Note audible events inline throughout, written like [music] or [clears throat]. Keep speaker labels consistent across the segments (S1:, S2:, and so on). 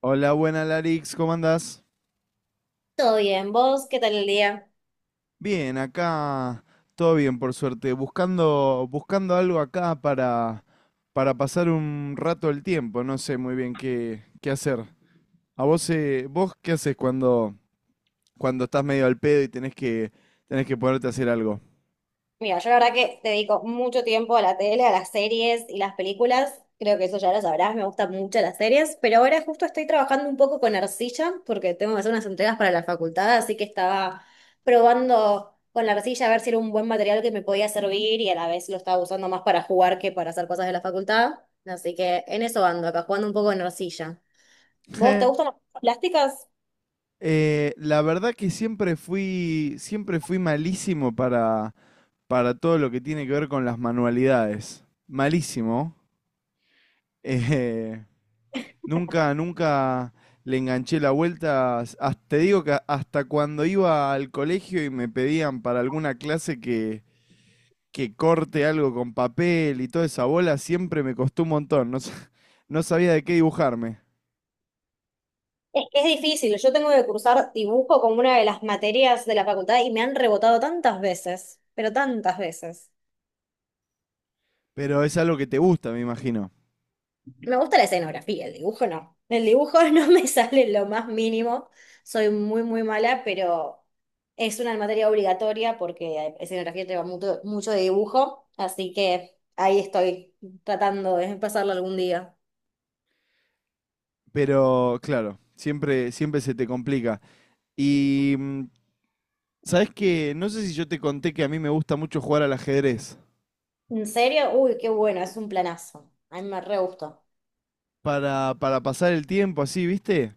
S1: Hola, buena Larix, ¿cómo andás?
S2: Todo bien, ¿vos qué tal el día?
S1: Bien, acá todo bien, por suerte. Buscando, buscando algo acá para pasar un rato el tiempo. No sé muy bien qué hacer. ¿A vos, vos qué haces cuando estás medio al pedo y tenés que ponerte a hacer algo?
S2: Mira, yo la verdad que dedico mucho tiempo a la tele, a las series y las películas. Creo que eso ya lo sabrás, me gustan mucho las series, pero ahora justo estoy trabajando un poco con arcilla porque tengo que hacer unas entregas para la facultad, así que estaba probando con la arcilla a ver si era un buen material que me podía servir y a la vez lo estaba usando más para jugar que para hacer cosas de la facultad. Así que en eso ando acá, jugando un poco con arcilla. ¿Vos te
S1: [laughs]
S2: gustan las plásticas?
S1: La verdad que siempre fui malísimo para todo lo que tiene que ver con las manualidades. Malísimo. [laughs] Eh, Nunca le enganché la vuelta. Te digo que hasta cuando iba al colegio y me pedían para alguna clase que corte algo con papel y toda esa bola, siempre me costó un montón. No, [laughs] no sabía de qué dibujarme.
S2: Es que es difícil. Yo tengo que cursar dibujo como una de las materias de la facultad y me han rebotado tantas veces, pero tantas veces.
S1: Pero es algo que te gusta, me imagino.
S2: Me gusta la escenografía, el dibujo no. El dibujo [laughs] no me sale lo más mínimo. Soy muy, muy mala, pero es una materia obligatoria porque escenografía lleva mucho, mucho de dibujo, así que ahí estoy tratando de pasarlo algún día.
S1: Pero claro, siempre se te complica. Y mm, sabes que no sé si yo te conté que a mí me gusta mucho jugar al ajedrez.
S2: ¿En serio? Uy, qué bueno, es un planazo. A mí me re gustó.
S1: Para pasar el tiempo así, ¿viste?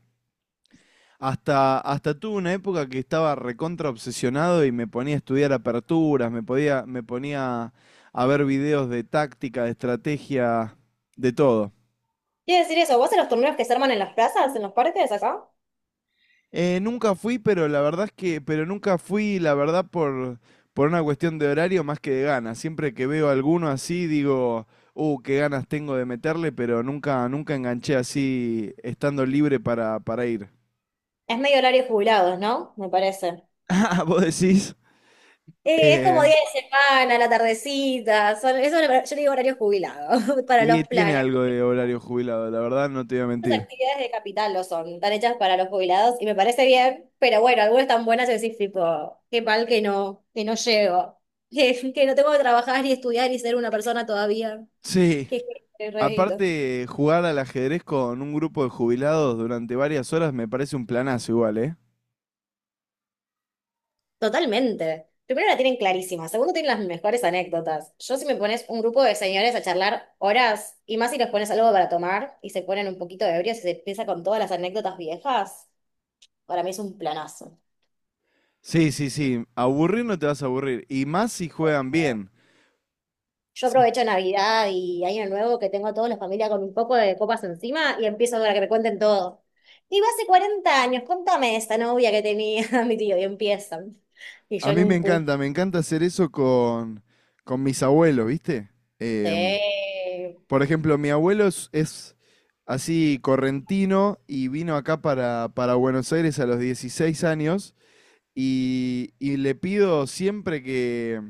S1: Hasta tuve una época que estaba recontra obsesionado y me ponía a estudiar aperturas, me ponía a ver videos de táctica, de estrategia, de todo.
S2: Quiero decir eso, ¿vos en los torneos que se arman en las plazas, en los parques acá?
S1: Nunca fui, pero la verdad es que, pero nunca fui, la verdad, por una cuestión de horario más que de ganas. Siempre que veo alguno así, digo, qué ganas tengo de meterle, pero nunca, nunca enganché así, estando libre para ir. [laughs]
S2: Es medio horario jubilados, ¿no? Me parece.
S1: Ah, vos decís.
S2: Es como
S1: Eh,
S2: día de semana, la tardecita. Yo le digo horario jubilado [laughs] para
S1: Y
S2: los
S1: tiene
S2: planes.
S1: algo de horario jubilado, la verdad, no te voy a
S2: Muchas
S1: mentir.
S2: actividades de capital lo son, están hechas para los jubilados y me parece bien, pero bueno, algunas tan buenas que decís tipo, qué mal que no llego, [laughs] que no tengo que trabajar ni estudiar ni ser una persona todavía.
S1: Sí.
S2: Qué, qué, qué
S1: Aparte, jugar al ajedrez con un grupo de jubilados durante varias horas me parece un planazo igual, ¿eh?
S2: Totalmente. Primero la tienen clarísima, segundo tienen las mejores anécdotas. Yo si me pones un grupo de señores a charlar horas y más si les pones algo para tomar y se ponen un poquito ebrios y se empieza con todas las anécdotas viejas, para mí es un planazo.
S1: Sí, sí, sí. Aburrir no te vas a aburrir. Y más si juegan bien.
S2: Yo
S1: Sí.
S2: aprovecho Navidad y Año Nuevo que tengo a toda la familia con un poco de copas encima y empiezo a que me cuenten todo. Digo, hace 40 años, contame esta novia que tenía [laughs] mi tío y empiezan. Y yo
S1: A
S2: en
S1: mí
S2: un cu.
S1: me encanta hacer eso con mis abuelos, ¿viste? Em,
S2: Sí.
S1: por ejemplo, mi abuelo es así correntino y vino acá para Buenos Aires a los 16 años y le pido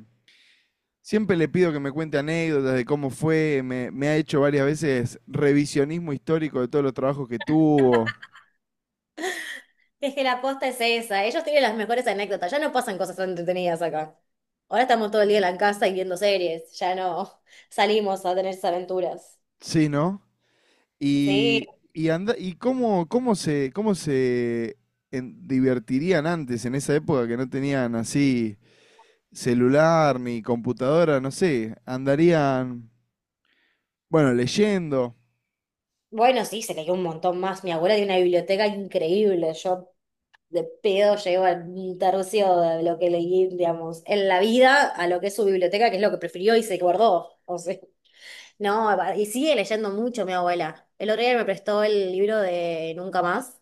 S1: siempre le pido que me cuente anécdotas de cómo fue, me ha hecho varias veces revisionismo histórico de todos los trabajos que tuvo,
S2: Es que la posta es esa. Ellos tienen las mejores anécdotas. Ya no pasan cosas tan entretenidas acá. Ahora estamos todo el día en la casa y viendo series. Ya no [laughs] salimos a tener esas aventuras.
S1: sí, ¿no?
S2: Sí.
S1: Anda, y cómo se divertirían antes, en esa época que no tenían así celular ni computadora, no sé, andarían, bueno, leyendo.
S2: Bueno, sí, se cayó un montón más. Mi abuela tiene una biblioteca increíble. Yo de pedo llego a un tercio de lo que leí, digamos, en la vida a lo que es su biblioteca, que es lo que prefirió y se guardó. O sea, [laughs] no, y sigue leyendo mucho mi abuela. El otro día me prestó el libro de Nunca Más.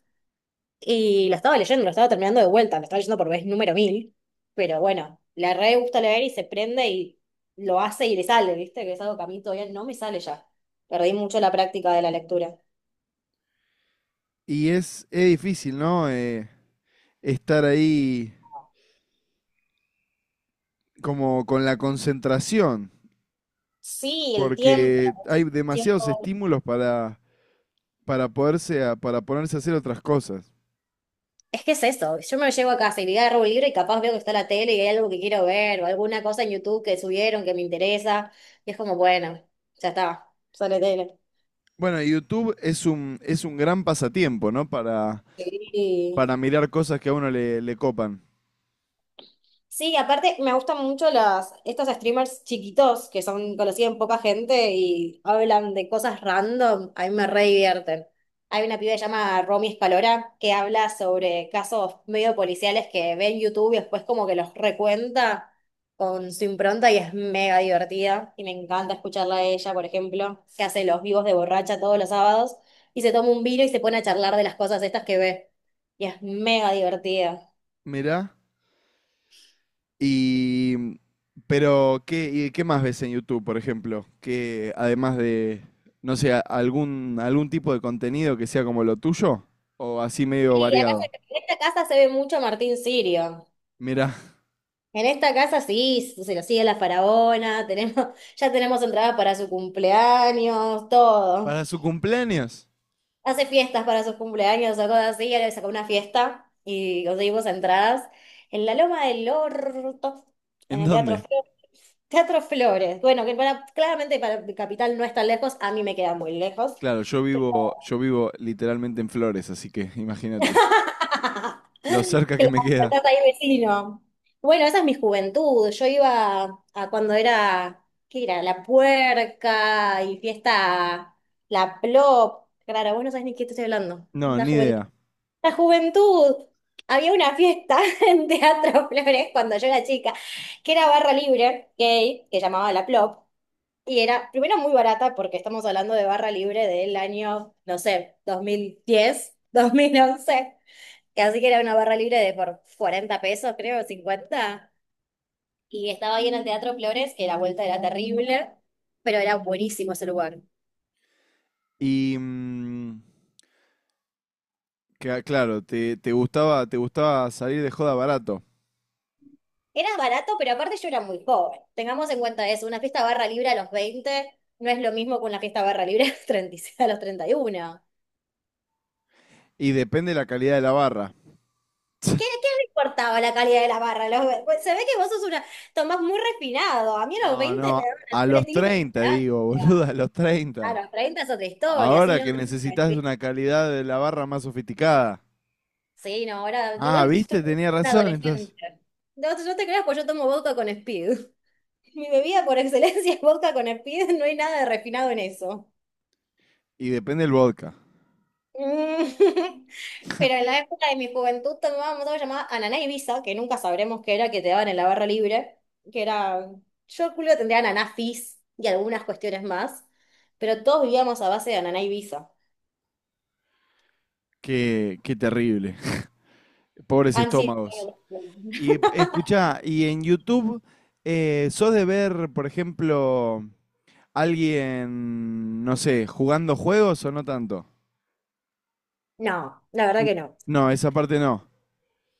S2: Y lo estaba leyendo, lo estaba terminando de vuelta, lo estaba leyendo por vez número mil, pero bueno, la re gusta leer y se prende y lo hace y le sale, ¿viste? Que es algo que a mí todavía no me sale ya. Perdí mucho la práctica de la lectura.
S1: Y es difícil, ¿no? Estar ahí como con la concentración,
S2: Sí, el tiempo.
S1: porque hay
S2: El
S1: demasiados
S2: tiempo.
S1: estímulos para ponerse a hacer otras cosas.
S2: Es que es eso, yo me llevo a casa y le agarro un libro y capaz veo que está la tele y hay algo que quiero ver o alguna cosa en YouTube que subieron que me interesa y es como, bueno, ya está, sale tele.
S1: Bueno, y YouTube es un gran pasatiempo, ¿no?
S2: Sí.
S1: Para mirar cosas que a uno le copan.
S2: Sí, aparte me gustan mucho estos streamers chiquitos que son conocidos en poca gente y hablan de cosas random, a mí me re divierten. Hay una piba que se llama Romy Escalora que habla sobre casos medio policiales que ve en YouTube y después como que los recuenta con su impronta y es mega divertida y me encanta escucharla a ella, por ejemplo, que hace los vivos de borracha todos los sábados y se toma un vino y se pone a charlar de las cosas estas que ve y es mega divertida.
S1: Mirá. Y. Pero, ¿Y qué más ves en YouTube, por ejemplo? Que además de, no sé, algún tipo de contenido que sea como lo tuyo, o así medio
S2: Sí, acá
S1: variado.
S2: en esta casa se ve mucho Martín Sirio.
S1: Mirá, [laughs]
S2: En esta casa sí, se lo sigue la faraona, [laughs] ya tenemos entradas para su cumpleaños, todo.
S1: para su cumpleaños,
S2: Hace fiestas para sus cumpleaños, sacó así, ya le sacó una fiesta y conseguimos entradas en la Loma del Orto, en
S1: ¿en
S2: el Teatro
S1: dónde?
S2: Flores. Teatro Flores, bueno, que claramente para Capital no es tan lejos, a mí me queda muy lejos.
S1: Claro, yo vivo literalmente en Flores, así que [laughs] imagínate
S2: [laughs]
S1: lo cerca que
S2: Claro,
S1: me queda.
S2: estás ahí vecino. Bueno, esa es mi juventud. Yo iba a cuando era, ¿qué era? La Puerca y fiesta, la Plop. Claro, vos no sabés ni qué te estoy hablando.
S1: No,
S2: La
S1: ni
S2: juventud.
S1: idea.
S2: La juventud. Había una fiesta [laughs] en Teatro Flores cuando yo era chica, que era barra libre, gay, que llamaba la Plop. Y era, primero, muy barata, porque estamos hablando de barra libre del año, no sé, dos mil diez 2011. Así que era una barra libre de por 40 pesos, creo, 50. Y estaba ahí en el Teatro Flores, que la vuelta era terrible, pero era buenísimo ese lugar.
S1: Y mm, claro, te gustaba salir de joda barato.
S2: Era barato, pero aparte yo era muy joven. Tengamos en cuenta eso, una fiesta barra libre a los 20 no es lo mismo que una fiesta barra libre a los 36, a los 31.
S1: Y depende de la calidad de la barra.
S2: ¿Qué le importaba la calidad de la barra? Pues se ve que vos sos tomás muy refinado. A mí a los
S1: No,
S2: 20 me
S1: no,
S2: daban una
S1: a
S2: tabla
S1: los
S2: etílico y una
S1: 30, digo, [laughs] boludo,
S2: naranja.
S1: a los
S2: A
S1: 30.
S2: los 30 es otra historia, sí,
S1: Ahora
S2: no,
S1: que necesitas una calidad de la barra más sofisticada.
S2: sí, no, ahora
S1: Ah,
S2: igual estoy
S1: viste, tenía
S2: una
S1: razón entonces.
S2: adolescente. No, no te creas, pues yo tomo vodka con Speed. [laughs] Mi bebida por excelencia es vodka con Speed, no hay nada de refinado en eso.
S1: Y depende del vodka.
S2: Mm. [laughs] Pero en la época de mi juventud tomábamos algo llamado ananá Ibiza, que nunca sabremos qué era, que te daban en la barra libre, que era, yo culo tendría ananá fizz y algunas cuestiones más, pero todos vivíamos a base de ananá Ibiza.
S1: Qué terrible. [laughs] Pobres
S2: Han sido...
S1: estómagos. Y
S2: [laughs]
S1: escucha, y en YouTube, ¿sos de ver, por ejemplo, alguien, no sé, jugando juegos o no tanto?
S2: No, la verdad
S1: N-
S2: que no.
S1: No, esa parte no.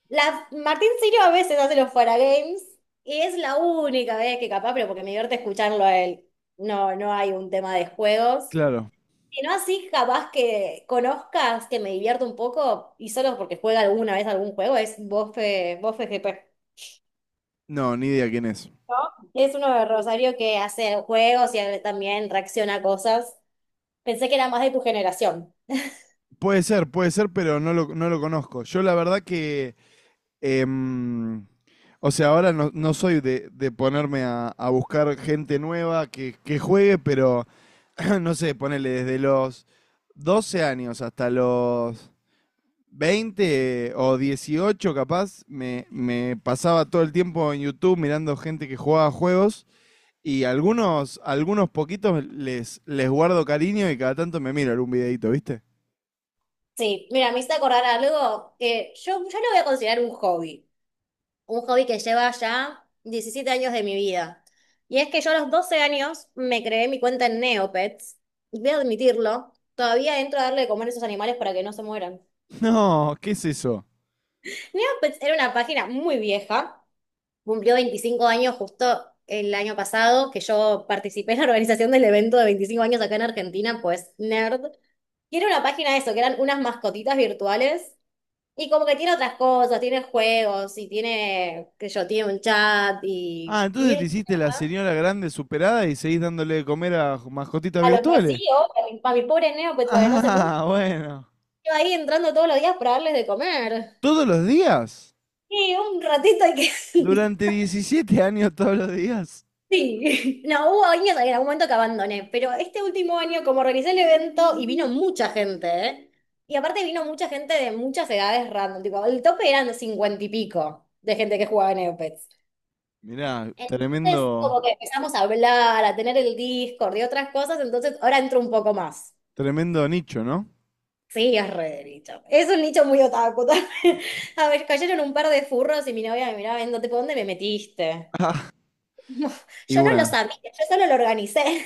S2: La Martín Sirio a veces hace los Fuera Games y es la única vez que capaz, pero porque me divierte escucharlo a él. No, no hay un tema de juegos.
S1: Claro.
S2: Y no así capaz que conozcas, que me divierto un poco y solo porque juega alguna vez algún juego, es Bofe GP.
S1: No, ni idea quién es.
S2: Es uno de Rosario que hace juegos y él también reacciona a cosas. Pensé que era más de tu generación.
S1: Puede ser, pero no lo conozco. Yo la verdad que, em, o sea, ahora no, no soy de ponerme a buscar gente nueva que juegue, pero [clears throat] no sé, ponele desde los 12 años hasta los veinte o 18, capaz, me pasaba todo el tiempo en YouTube mirando gente que jugaba juegos y algunos poquitos les guardo cariño y cada tanto me miro algún videito, ¿viste?
S2: Sí, mira, me hice acordar algo que yo lo voy a considerar un hobby. Un hobby que lleva ya 17 años de mi vida. Y es que yo a los 12 años me creé mi cuenta en Neopets, y voy a admitirlo, todavía entro a darle de comer a esos animales para que no se mueran.
S1: No, ¿qué es eso?
S2: Neopets era una página muy vieja. Cumplió 25 años justo el año pasado, que yo participé en la organización del evento de 25 años acá en Argentina, pues nerd. Tiene una página de eso, que eran unas mascotitas virtuales. Y como que tiene otras cosas, tiene juegos y tiene, qué sé yo, tiene un chat
S1: Ah,
S2: y
S1: entonces te
S2: mil
S1: hiciste la
S2: cosas.
S1: señora grande superada y seguís dándole de comer a mascotitas
S2: A los
S1: virtuales. [laughs]
S2: vacíos, a mi pobre neo, pues para que no se muera.
S1: Ah, bueno.
S2: Yo ahí entrando todos los días para darles de comer.
S1: ¿Todos los días?
S2: Y un ratito hay que... [laughs]
S1: Durante 17 años todos los días.
S2: Sí, [laughs] no, hubo años en algún momento que abandoné, pero este último año como organizé el evento y vino mucha gente, ¿eh? Y aparte vino mucha gente de muchas edades random, tipo, el tope eran los 50 y pico de gente que jugaba en Neopets.
S1: Mirá,
S2: Entonces,
S1: tremendo,
S2: como que empezamos a hablar, a tener el Discord y otras cosas, entonces ahora entro un poco más.
S1: tremendo nicho, ¿no?
S2: Sí, es re de nicho. Es un nicho muy otaku también. [laughs] A ver, cayeron un par de furros y mi novia me miraba viendo, tipo, ¿dónde me metiste? [laughs]
S1: Y
S2: Yo no lo
S1: bueno,
S2: sabía, yo solo lo organicé.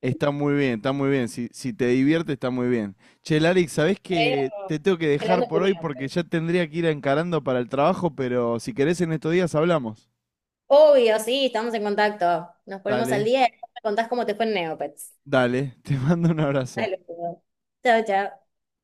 S1: está muy bien, está muy bien. Si te divierte, está muy bien. Che, Larix, ¿sabés que
S2: Creo,
S1: te tengo que dejar
S2: Creando tu
S1: por hoy porque
S2: Neopets.
S1: ya tendría que ir encarando para el trabajo, pero si querés en estos días hablamos?
S2: Obvio, sí, estamos en contacto. Nos ponemos al
S1: Dale,
S2: día y me contás cómo te fue en Neopets.
S1: dale, [laughs] te mando un abrazo.
S2: Dale, pues. Chao, chao.